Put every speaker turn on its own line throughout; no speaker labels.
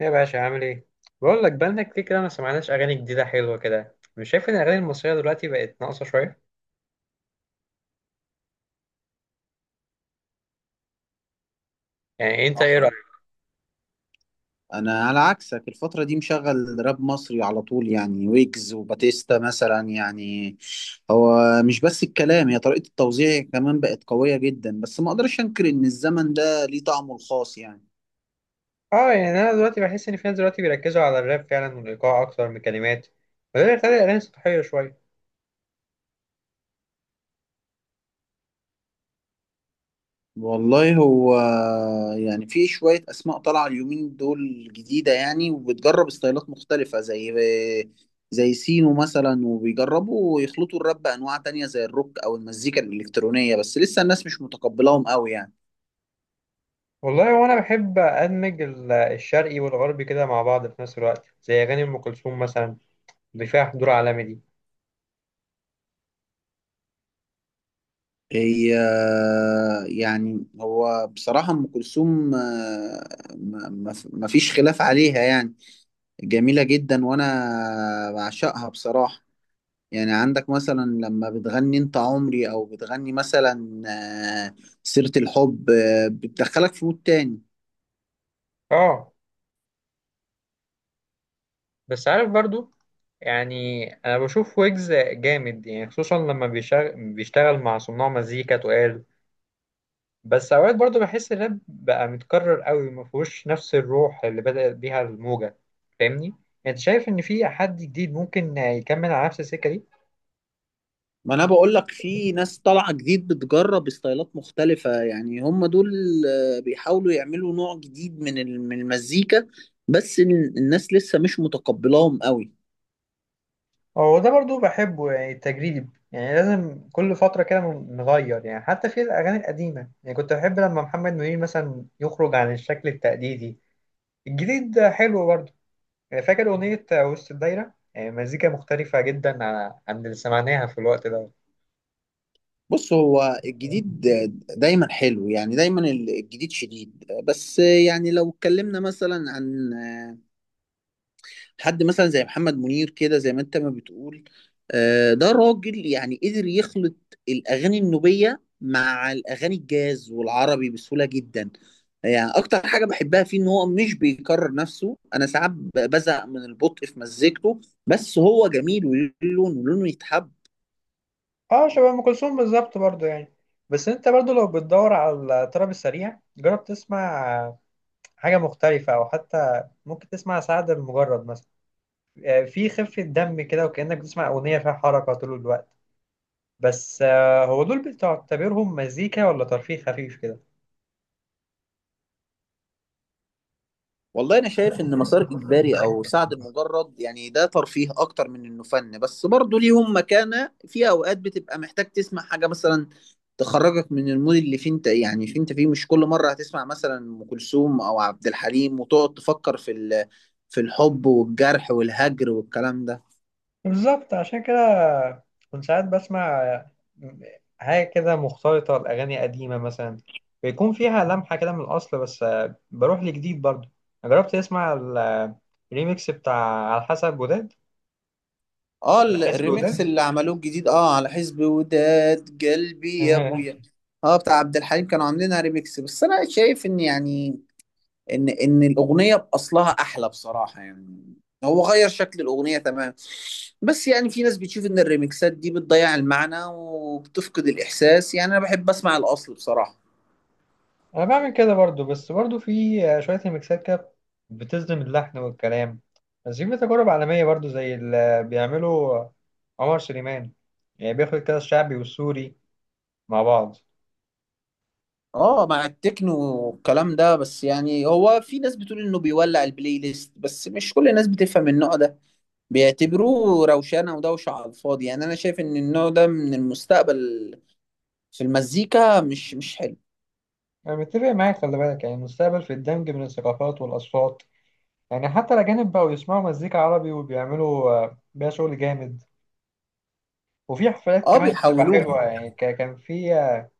ايه يا باشا عامل ايه؟ بقول لك بقالنا كتير كده ما سمعناش اغاني جديده حلوه كده. مش شايف ان الاغاني المصريه دلوقتي بقت ناقصه شويه؟ يعني انت ايه
صراحة
رايك؟
أنا على عكسك الفترة دي مشغل راب مصري على طول يعني ويجز وباتيستا مثلا يعني هو مش بس الكلام، هي طريقة التوزيع كمان بقت قوية جدا. بس ما أقدرش أنكر إن الزمن ده ليه طعمه الخاص يعني.
اه يعني انا دلوقتي بحس ان في ناس دلوقتي بيركزوا على الراب فعلا والايقاع اكتر من الكلمات، وده اللي بيخلي الاغاني سطحيه شويه.
والله هو يعني في شوية أسماء طالعة اليومين دول جديدة يعني، وبتجرب ستايلات مختلفة زي سينو مثلا، وبيجربوا يخلطوا الراب بأنواع تانية زي الروك أو المزيكا الإلكترونية، بس لسه الناس مش متقبلاهم قوي يعني.
والله وانا بحب ادمج الشرقي والغربي كده مع بعض في نفس الوقت، زي اغاني ام كلثوم مثلا، اللي فيها حضور عالمي دي.
هي يعني هو بصراحة أم كلثوم ما فيش خلاف عليها يعني، جميلة جدا وأنا بعشقها بصراحة. يعني عندك مثلا لما بتغني أنت عمري، أو بتغني مثلا آه، سيرة الحب، بتدخلك في مود تاني.
اه بس عارف برضو، يعني انا بشوف ويجز جامد يعني، خصوصا لما بيشتغل مع صناع مزيكا تقال. بس اوقات برضو بحس الراب بقى متكرر قوي، ما فيهوش نفس الروح اللي بدأت بيها الموجة. فاهمني يعني؟ انت شايف ان في حد جديد ممكن يكمل على نفس السكة دي؟
ما أنا بقولك في ناس طالعة جديد بتجرب ستايلات مختلفة يعني، هم دول بيحاولوا يعملوا نوع جديد من المزيكا، الناس لسه مش متقبلاهم قوي.
هو ده برضو بحبه يعني، التجريب يعني لازم كل فترة كده نغير. يعني حتى في الأغاني القديمة، يعني كنت بحب لما محمد منير مثلا يخرج عن الشكل التقليدي. الجديد حلو برضو، يعني فاكر أغنية وسط الدايرة؟ يعني مزيكا مختلفة جدا عن اللي سمعناها في الوقت ده.
بص، هو الجديد دايما حلو يعني، دايما الجديد شديد. بس يعني لو اتكلمنا مثلا عن حد مثلا زي محمد منير كده، زي ما انت ما بتقول، ده راجل يعني قدر يخلط الأغاني النوبية مع الأغاني الجاز والعربي بسهولة جدا. يعني أكتر حاجة بحبها فيه إن هو مش بيكرر نفسه. أنا ساعات بزهق من البطء في مزيكته، بس هو جميل، ولونه يتحب.
اه شبه ام كلثوم بالظبط برضو يعني. بس انت برضو لو بتدور على الطرب السريع، جرب تسمع حاجه مختلفه، او حتى ممكن تسمع سعد المجرد مثلا. آه، في خفه دم كده، وكانك بتسمع اغنيه فيها حركه طول الوقت. بس هو دول بتعتبرهم مزيكا ولا ترفيه خفيف كده؟
والله انا شايف ان مسار اجباري او سعد المجرد يعني ده ترفيه اكتر من انه فن، بس برضه ليهم مكانة. في اوقات بتبقى محتاج تسمع حاجة مثلا تخرجك من المود اللي فيه انت يعني، فيه انت فيه مش كل مرة هتسمع مثلا ام كلثوم او عبد الحليم وتقعد تفكر في الحب والجرح والهجر والكلام ده.
بالظبط، عشان كده كنت ساعات بسمع حاجة كده مختلطة لأغاني قديمة مثلا، بيكون فيها لمحة كده من الأصل، بس بروح لجديد برضو. جربت تسمع الريميكس بتاع على حسب وداد؟
اه،
على حسب
الريميكس
وداد.
اللي عملوه الجديد، اه، على حزب وداد قلبي يا ابويا، اه، بتاع عبد الحليم، كانوا عاملينها ريميكس. بس انا شايف ان يعني ان الاغنيه باصلها احلى بصراحه يعني، هو غير شكل الاغنيه تمام. بس يعني في ناس بتشوف ان الريمكسات دي بتضيع المعنى وبتفقد الاحساس، يعني انا بحب اسمع الاصل بصراحه.
أنا بعمل كده برضو، بس برضو في شوية ريميكسات كده بتصدم اللحن والكلام. بس في تجارب عالمية برضو، زي اللي بيعمله عمر سليمان. يعني بياخد كده الشعبي والسوري مع بعض.
اه، مع التكنو والكلام ده. بس يعني هو في ناس بتقول انه بيولع البلاي ليست، بس مش كل الناس بتفهم النوع ده، بيعتبروه روشانه ودوشه على الفاضي. يعني انا شايف ان النوع ده من المستقبل في المزيكا، مش حلو.
أنا متفق معاك، خلي بالك يعني المستقبل في الدمج من الثقافات والأصوات. يعني حتى الأجانب بقوا يسمعوا مزيكا عربي، وبيعملوا بيها شغل جامد. وفي حفلات
اه،
كمان بتبقى
بيحولوها.
حلوة يعني.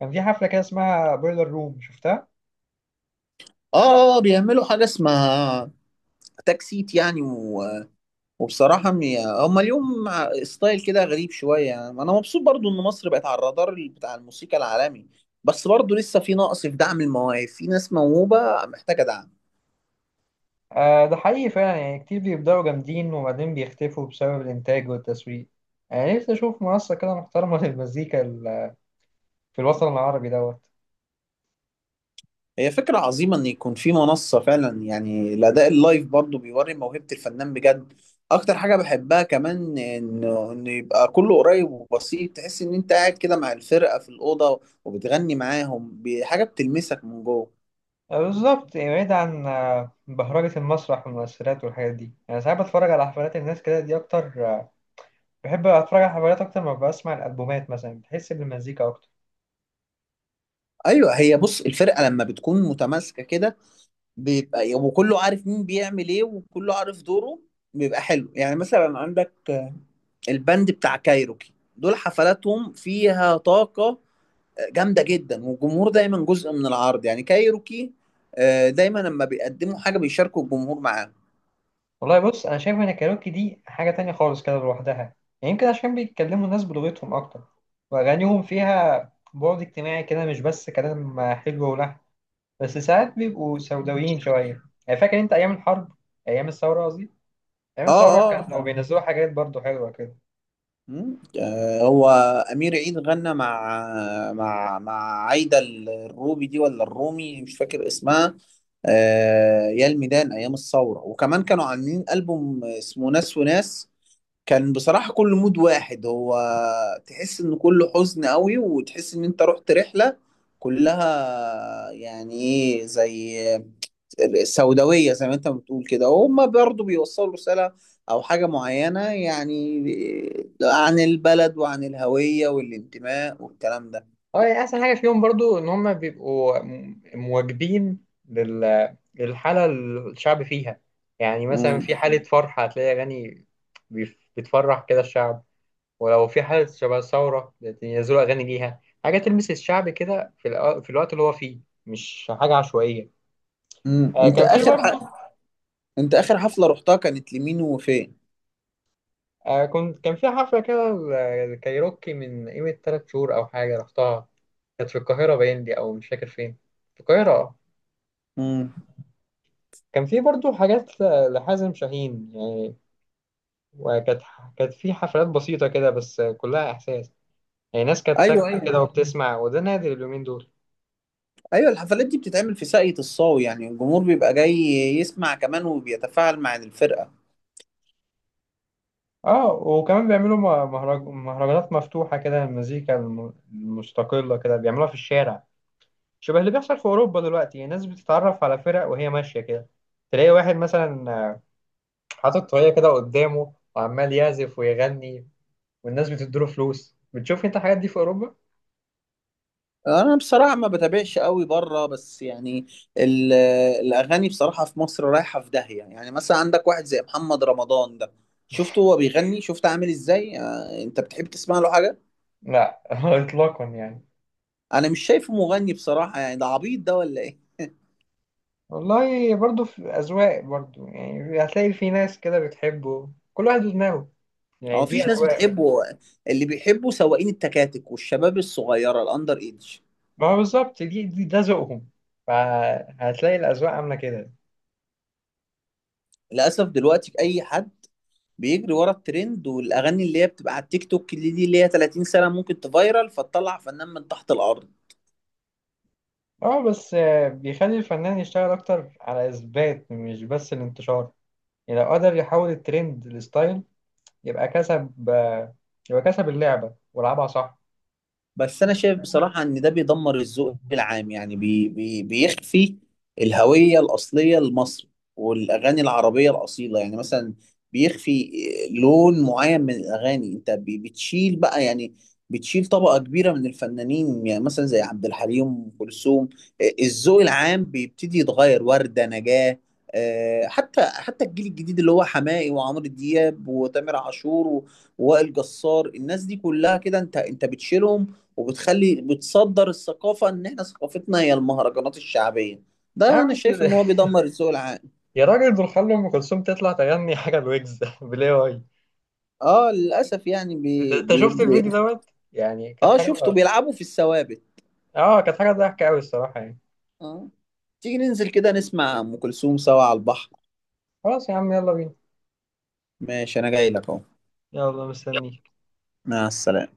كان في حفلة كده اسمها بويلر روم، شفتها؟
اه، بيعملوا حاجه اسمها اتاك سيت يعني وبصراحه م- هما اليوم مع ستايل كده غريب شويه يعني. انا مبسوط برضو ان مصر بقت على الرادار بتاع الموسيقى العالمي، بس برضو لسه في نقص في دعم المواهب، في ناس موهوبه محتاجه دعم.
آه ده حقيقي فعلا، يعني كتير بيبدأوا جامدين وبعدين بيختفوا بسبب الإنتاج والتسويق. يعني نفسي أشوف منصة كده محترمة للمزيكا في الوطن العربي دوت.
هي فكره عظيمه ان يكون في منصه فعلا. يعني الاداء اللايف برضو بيوري موهبه الفنان بجد. اكتر حاجه بحبها كمان انه ان يبقى كله قريب وبسيط، تحس ان انت قاعد كده مع الفرقه في الاوضه وبتغني معاهم، حاجه بتلمسك من جوه.
بالظبط يعني، بعيد عن بهرجة المسرح والمؤثرات والحاجات دي. يعني ساعات بتفرج على حفلات الناس كده دي أكتر، بحب اتفرج على حفلات اكتر ما بسمع الالبومات مثلا، بحس بالمزيكا اكتر.
ايوه، هي بص، الفرقه لما بتكون متماسكه كده، بيبقى وكله عارف مين بيعمل ايه وكله عارف دوره، بيبقى حلو. يعني مثلا عندك البند بتاع كايروكي، دول حفلاتهم فيها طاقه جامده جدا، والجمهور دايما جزء من العرض. يعني كايروكي دايما لما بيقدموا حاجه بيشاركوا الجمهور معاهم.
والله بص، انا شايف ان الكاريوكي دي حاجه تانية خالص كده لوحدها يعني، يمكن عشان بيتكلموا الناس بلغتهم اكتر، واغانيهم فيها بعد اجتماعي كده، مش بس كلام حلو ولحن. بس ساعات بيبقوا سوداويين شويه. يعني فاكر انت ايام الحرب، ايام الثوره قصدي؟ ايام
اه،
الثوره كان لو
اه.
بينزلوا حاجات برضو حلوه كده.
هو أمير عيد غنى مع مع عايدة الروبي دي، ولا الرومي، مش فاكر اسمها، يا الميدان، أيام الثورة. وكمان كانوا عاملين ألبوم اسمه ناس وناس، كان بصراحة كل مود واحد، هو تحس إن كله حزن قوي وتحس إن أنت رحت رحلة كلها يعني إيه زي السوداوية زي ما انت بتقول كده. وهم برضو بيوصلوا رسالة او حاجة معينة يعني عن البلد وعن الهوية والانتماء والكلام ده.
اه يعني احسن حاجه فيهم برضو ان هم بيبقوا مواكبين لل... للحاله اللي الشعب فيها. يعني مثلا
مم.
في حاله فرح هتلاقي اغاني بتفرح كده الشعب، ولو في حاله شبه ثوره ينزلوا اغاني ليها حاجه تلمس الشعب كده في الوقت اللي هو فيه، مش حاجه عشوائيه.
مم.
آه
انت
كان في
اخر ح...
برضو.
انت اخر حفلة رحتها كانت لمين وفين؟
آه كان في حفله كده الكايروكي من قيمه 3 شهور او حاجه رحتها، كانت في القاهره باين دي، او مش فاكر فين، في القاهره آه.
مم.
كان في برضو حاجات لحازم شاهين يعني، وكانت كانت في حفلات بسيطة كده، بس كلها إحساس. يعني ناس كانت
ايوه،
ساكتة
ايوه،
كده وبتسمع، وده نادر اليومين دول.
ايوه، الحفلات دي بتتعمل في ساقية الصاوي، يعني الجمهور بيبقى جاي يسمع كمان وبيتفاعل مع الفرقة.
اه وكمان بيعملوا مهرجانات مفتوحة كده، المزيكا المستقلة كده بيعملوها في الشارع، شبه اللي بيحصل في أوروبا دلوقتي. يعني الناس بتتعرف على فرق وهي ماشية كده، تلاقي واحد مثلا حاطط طريقة كده قدامه وعمال يعزف ويغني، والناس بتديله فلوس. بتشوف انت الحاجات دي في أوروبا؟
انا بصراحه ما بتابعش قوي بره، بس يعني ال- الاغاني بصراحه في مصر رايحه في داهيه. يعني مثلا عندك واحد زي محمد رمضان ده، شفته هو بيغني؟ شفت عامل ازاي؟ انت بتحب تسمع له حاجه؟
لا إطلاقا يعني.
انا مش شايفه مغني بصراحه، يعني ده عبيط ده ولا ايه؟
والله برضو في أذواق برضو، يعني هتلاقي في ناس كده بتحبه. كل واحد ودماغه
هو
يعني، دي
مفيش ناس
أذواق.
بتحبه، اللي بيحبه سواقين التكاتك والشباب الصغيره الاندر ايدج.
ما هو بالظبط، دي ده ذوقهم، فهتلاقي الأذواق عاملة كده.
للاسف دلوقتي اي حد بيجري ورا الترند والاغاني اللي هي بتبقى على التيك توك، اللي دي اللي هي 30 سنه، ممكن تفايرل فتطلع فنان من تحت الارض.
اه بس بيخلي الفنان يشتغل أكتر على إثبات، مش بس الانتشار. يعني لو قدر يحول الترند لستايل، يبقى كسب آه، يبقى كسب اللعبة ولعبها صح.
بس انا شايف بصراحه ان ده بيدمر الذوق العام، يعني بي بي بيخفي الهويه الاصليه لمصر والاغاني العربيه الاصيله. يعني مثلا بيخفي لون معين من الاغاني، انت بتشيل بقى يعني، بتشيل طبقه كبيره من الفنانين، يعني مثلا زي عبد الحليم، ام كلثوم، الذوق العام بيبتدي يتغير، ورده نجاه. حتى الجيل الجديد اللي هو حماقي وعمرو دياب وتامر عاشور ووائل جسار، الناس دي كلها كده، انت بتشيلهم، وبتخلي بتصدر الثقافة ان احنا ثقافتنا هي المهرجانات الشعبية.
يا
ده
عم
انا
انت-
شايف ان هو بيدمر الذوق العام.
يا راجل، دول خلوا أم كلثوم تطلع تغني حاجة الويجز بالاي واي.
اه، للاسف يعني بي
أنت
بي
شفت
بي
الفيديو دوت؟ يعني كانت
اه،
حاجة.
شفته بيلعبوا في الثوابت.
اه كانت حاجة ضحكة أوي الصراحة يعني.
اه، تيجي ننزل كده نسمع ام كلثوم سوا على البحر.
خلاص يا عم، يلا بينا.
ماشي، انا جاي لك اهو.
يلا مستنيك.
مع السلامة.